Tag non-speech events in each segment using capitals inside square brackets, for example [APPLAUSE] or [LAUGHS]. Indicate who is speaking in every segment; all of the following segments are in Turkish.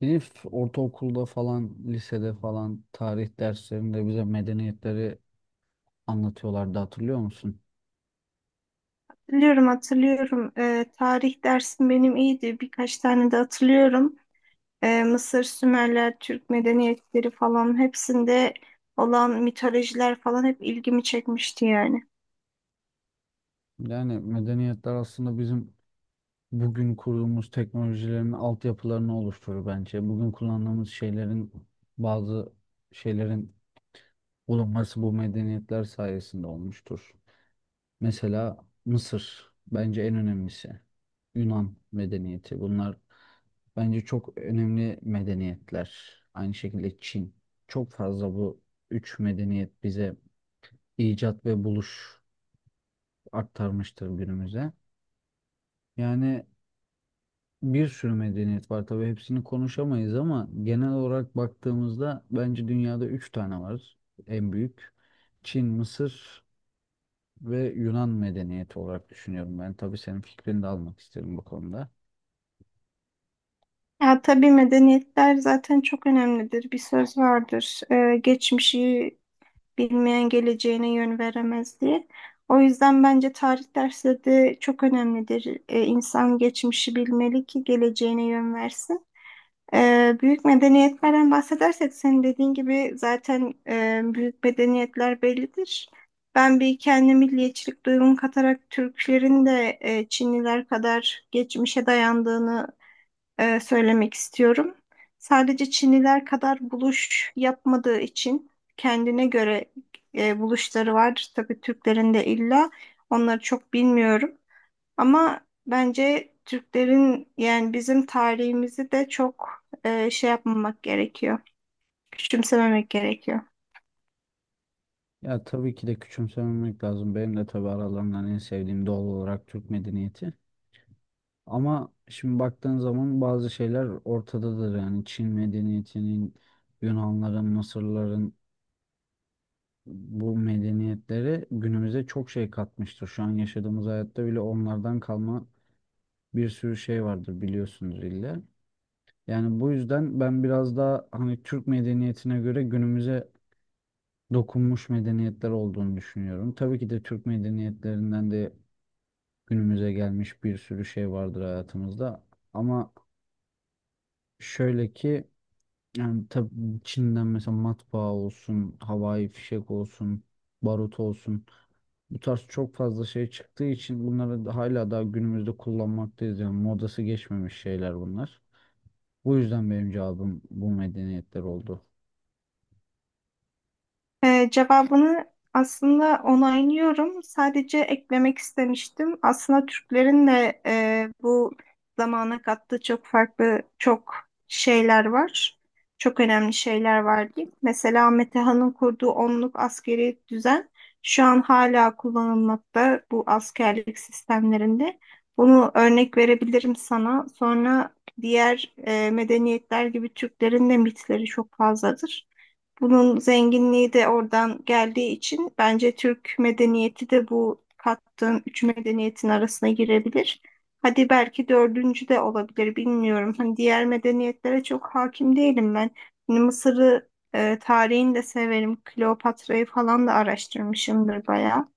Speaker 1: Ortaokulda falan, lisede falan tarih derslerinde bize medeniyetleri anlatıyorlardı, hatırlıyor musun?
Speaker 2: Hatırlıyorum, hatırlıyorum. Tarih dersim benim iyiydi. Birkaç tane de hatırlıyorum. Mısır, Sümerler, Türk medeniyetleri falan hepsinde olan mitolojiler falan hep ilgimi çekmişti yani.
Speaker 1: Yani medeniyetler aslında bizim bugün kurduğumuz teknolojilerin altyapılarını oluşturur bence. Bugün kullandığımız şeylerin bazı şeylerin bulunması bu medeniyetler sayesinde olmuştur. Mesela Mısır bence en önemlisi. Yunan medeniyeti. Bunlar bence çok önemli medeniyetler. Aynı şekilde Çin. Çok fazla bu üç medeniyet bize icat ve buluş aktarmıştır günümüze. Yani bir sürü medeniyet var. Tabii hepsini konuşamayız ama genel olarak baktığımızda bence dünyada üç tane var en büyük. Çin, Mısır ve Yunan medeniyeti olarak düşünüyorum ben. Tabii senin fikrini de almak isterim bu konuda.
Speaker 2: Ya tabii medeniyetler zaten çok önemlidir. Bir söz vardır. Geçmişi bilmeyen geleceğine yön veremez diye. O yüzden bence tarih dersi de çok önemlidir. İnsan geçmişi bilmeli ki geleceğine yön versin. Büyük medeniyetlerden bahsedersek senin dediğin gibi zaten büyük medeniyetler bellidir. Ben bir kendi milliyetçilik duygumu katarak Türklerin de Çinliler kadar geçmişe dayandığını söylemek istiyorum. Sadece Çinliler kadar buluş yapmadığı için kendine göre buluşları var. Tabii Türklerin de illa onları çok bilmiyorum. Ama bence Türklerin yani bizim tarihimizi de çok şey yapmamak gerekiyor. Küçümsememek gerekiyor.
Speaker 1: Ya tabii ki de küçümsememek lazım. Benim de tabii aralarından en sevdiğim doğal olarak Türk medeniyeti. Ama şimdi baktığın zaman bazı şeyler ortadadır. Yani Çin medeniyetinin, Yunanların, Mısırların bu medeniyetleri günümüze çok şey katmıştır. Şu an yaşadığımız hayatta bile onlardan kalma bir sürü şey vardır biliyorsunuz illa. Yani bu yüzden ben biraz daha hani Türk medeniyetine göre günümüze dokunmuş medeniyetler olduğunu düşünüyorum. Tabii ki de Türk medeniyetlerinden de günümüze gelmiş bir sürü şey vardır hayatımızda. Ama şöyle ki yani tabii Çin'den mesela matbaa olsun, havai fişek olsun, barut olsun. Bu tarz çok fazla şey çıktığı için hala daha günümüzde kullanmaktayız. Yani modası geçmemiş şeyler bunlar. Bu yüzden benim cevabım bu medeniyetler oldu.
Speaker 2: Cevabını aslında onaylıyorum. Sadece eklemek istemiştim. Aslında Türklerin de bu zamana kattığı çok farklı çok şeyler var. Çok önemli şeyler var diyeyim. Mesela Metehan'ın kurduğu onluk askeri düzen şu an hala kullanılmakta bu askerlik sistemlerinde. Bunu örnek verebilirim sana. Sonra diğer medeniyetler gibi Türklerin de mitleri çok fazladır. Bunun zenginliği de oradan geldiği için bence Türk medeniyeti de bu kattığım üç medeniyetin arasına girebilir. Hadi belki dördüncü de olabilir bilmiyorum. Hani diğer medeniyetlere çok hakim değilim ben. Hani Mısır'ı tarihini de severim. Kleopatra'yı falan da araştırmışımdır bayağı.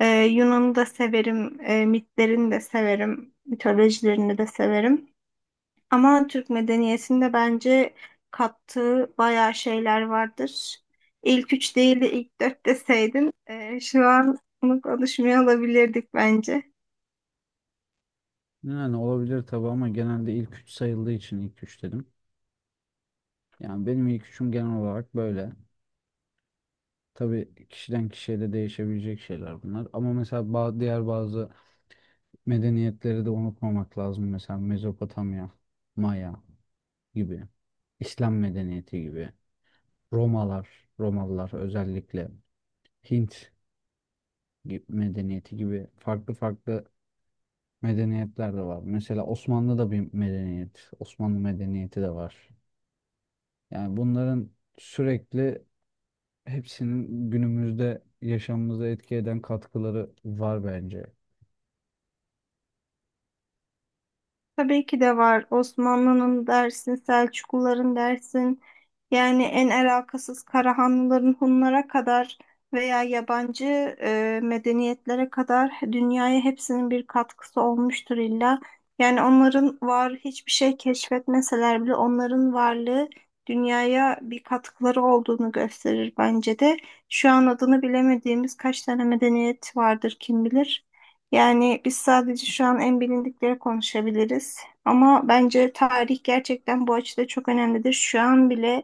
Speaker 2: Yunan'ı da severim. Mitlerini de severim. Mitolojilerini de severim. Ama Türk medeniyetinde bence kattığı bayağı şeyler vardır. İlk üç değil de ilk dört deseydin şu an bunu konuşmuyor olabilirdik bence.
Speaker 1: Yani olabilir tabii ama genelde ilk üç sayıldığı için ilk üç dedim. Yani benim ilk üçüm genel olarak böyle. Tabii kişiden kişiye de değişebilecek şeyler bunlar. Ama mesela diğer bazı medeniyetleri de unutmamak lazım. Mesela Mezopotamya, Maya gibi, İslam medeniyeti gibi, Romalar, Romalılar özellikle, Hint medeniyeti gibi farklı farklı medeniyetler de var. Mesela Osmanlı da bir medeniyet, Osmanlı medeniyeti de var. Yani bunların sürekli hepsinin günümüzde yaşamımıza etki eden katkıları var bence.
Speaker 2: Tabii ki de var. Osmanlı'nın dersin, Selçukluların dersin. Yani en alakasız Karahanlıların Hunlara kadar veya yabancı medeniyetlere kadar dünyaya hepsinin bir katkısı olmuştur illa. Yani onların var hiçbir şey keşfetmeseler bile onların varlığı dünyaya bir katkıları olduğunu gösterir bence de. Şu an adını bilemediğimiz kaç tane medeniyet vardır kim bilir. Yani biz sadece şu an en bilindikleri konuşabiliriz. Ama bence tarih gerçekten bu açıda çok önemlidir. Şu an bile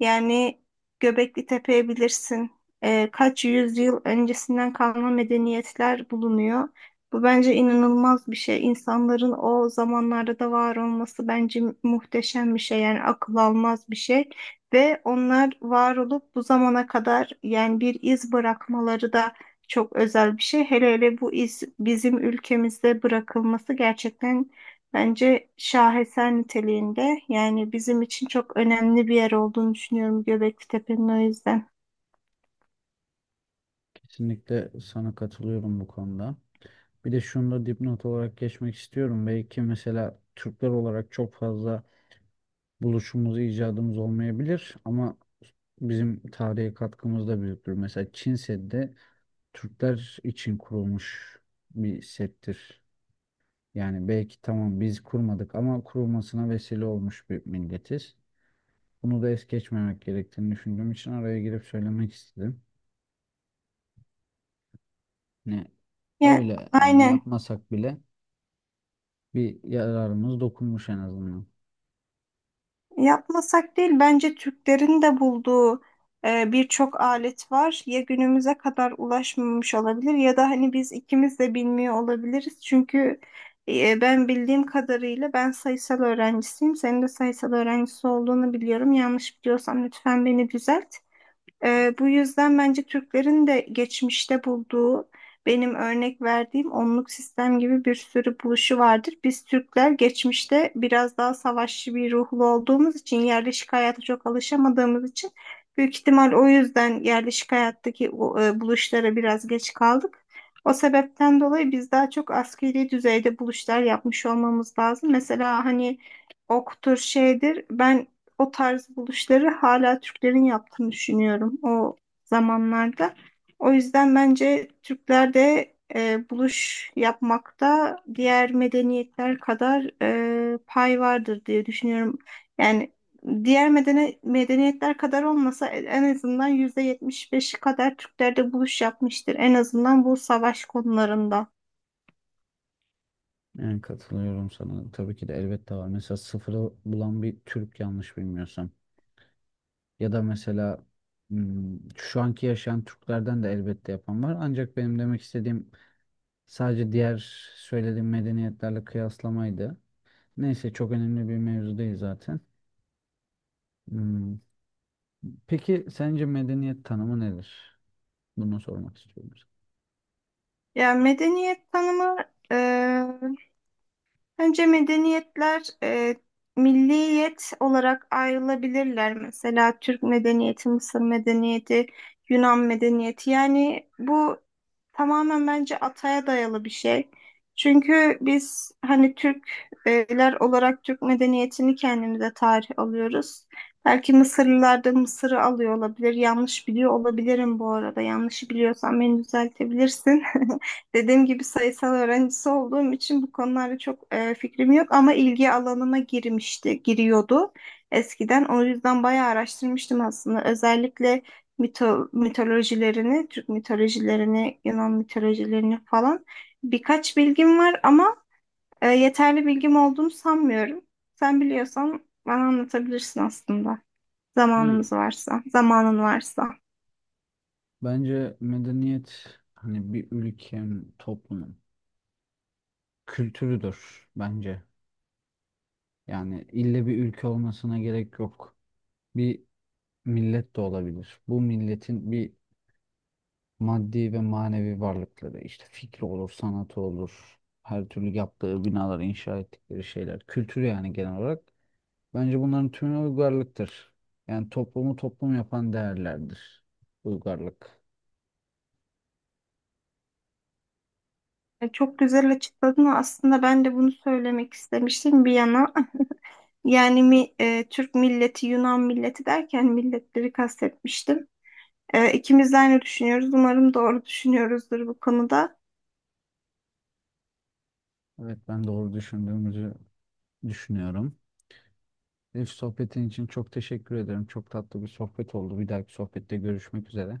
Speaker 2: yani Göbekli Tepe'ye bilirsin. Kaç yüzyıl öncesinden kalma medeniyetler bulunuyor. Bu bence inanılmaz bir şey. İnsanların o zamanlarda da var olması bence muhteşem bir şey. Yani akıl almaz bir şey. Ve onlar var olup bu zamana kadar yani bir iz bırakmaları da çok özel bir şey. Hele hele bu iz bizim ülkemizde bırakılması gerçekten bence şaheser niteliğinde. Yani bizim için çok önemli bir yer olduğunu düşünüyorum Göbekli Tepe'nin o yüzden.
Speaker 1: Kesinlikle sana katılıyorum bu konuda. Bir de şunu da dipnot olarak geçmek istiyorum. Belki mesela Türkler olarak çok fazla buluşumuz, icadımız olmayabilir ama bizim tarihe katkımız da büyüktür. Mesela Çin Seddi de Türkler için kurulmuş bir settir. Yani belki tamam biz kurmadık ama kurulmasına vesile olmuş bir milletiz. Bunu da es geçmemek gerektiğini düşündüğüm için araya girip söylemek istedim. Ne
Speaker 2: Yani
Speaker 1: Öyle yani,
Speaker 2: aynen.
Speaker 1: yapmasak bile bir yararımız dokunmuş en azından.
Speaker 2: Yapmasak değil, bence Türklerin de bulduğu birçok alet var. Ya günümüze kadar ulaşmamış olabilir ya da hani biz ikimiz de bilmiyor olabiliriz. Çünkü ben bildiğim kadarıyla ben sayısal öğrencisiyim. Senin de sayısal öğrencisi olduğunu biliyorum. Yanlış biliyorsam lütfen beni düzelt. Bu yüzden bence Türklerin de geçmişte bulduğu benim örnek verdiğim onluk sistem gibi bir sürü buluşu vardır. Biz Türkler geçmişte biraz daha savaşçı bir ruhlu olduğumuz için yerleşik hayata çok alışamadığımız için büyük ihtimal o yüzden yerleşik hayattaki buluşlara biraz geç kaldık. O sebepten dolayı biz daha çok askeri düzeyde buluşlar yapmış olmamız lazım. Mesela hani oktur şeydir. Ben o tarz buluşları hala Türklerin yaptığını düşünüyorum o zamanlarda. O yüzden bence Türkler de buluş yapmakta diğer medeniyetler kadar pay vardır diye düşünüyorum. Yani diğer medeniyetler kadar olmasa en azından %75'i kadar Türkler de buluş yapmıştır. En azından bu savaş konularında.
Speaker 1: Yani katılıyorum sana. Tabii ki de elbette var. Mesela sıfırı bulan bir Türk yanlış bilmiyorsam. Ya da mesela şu anki yaşayan Türklerden de elbette yapan var. Ancak benim demek istediğim sadece diğer söylediğim medeniyetlerle kıyaslamaydı. Neyse çok önemli bir mevzu değil zaten. Hmm, Peki sence medeniyet tanımı nedir? Bunu sormak istiyorum
Speaker 2: Yani medeniyet tanımı e, bence medeniyetler milliyet olarak ayrılabilirler. Mesela Türk medeniyeti, Mısır medeniyeti, Yunan medeniyeti. Yani bu tamamen bence ataya dayalı bir şey. Çünkü biz hani Türkler olarak Türk medeniyetini kendimize tarih alıyoruz. Belki Mısırlılar da Mısır'ı alıyor olabilir. Yanlış biliyor olabilirim bu arada. Yanlışı biliyorsam beni düzeltebilirsin. [LAUGHS] Dediğim gibi sayısal öğrencisi olduğum için bu konularda çok fikrim yok ama ilgi alanıma girmişti, giriyordu eskiden. O yüzden bayağı araştırmıştım aslında. Özellikle mitolojilerini, Türk mitolojilerini, Yunan mitolojilerini falan birkaç bilgim var ama yeterli bilgim olduğunu sanmıyorum. Sen biliyorsan bana anlatabilirsin aslında.
Speaker 1: sana. Hı.
Speaker 2: Zamanın varsa.
Speaker 1: Bence medeniyet hani bir ülkenin, toplumun kültürüdür bence. Yani ille bir ülke olmasına gerek yok. Bir millet de olabilir. Bu milletin bir maddi ve manevi varlıkları, işte fikri olur, sanatı olur, her türlü yaptığı binaları, inşa ettikleri şeyler, kültürü yani genel olarak. Bence bunların tümü uygarlıktır. Yani toplumu toplum yapan değerlerdir. Uygarlık.
Speaker 2: Çok güzel açıkladın aslında ben de bunu söylemek istemiştim bir yana. Türk milleti, Yunan milleti derken milletleri kastetmiştim. İkimiz de aynı düşünüyoruz. Umarım doğru düşünüyoruzdur bu konuda.
Speaker 1: Evet, ben doğru düşündüğümüzü düşünüyorum. Elif, sohbetin için çok teşekkür ederim. Çok tatlı bir sohbet oldu. Bir dahaki sohbette görüşmek üzere.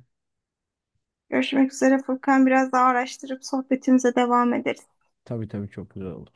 Speaker 2: Görüşmek üzere Furkan. Biraz daha araştırıp sohbetimize devam ederiz.
Speaker 1: Tabii tabii, çok güzel olur.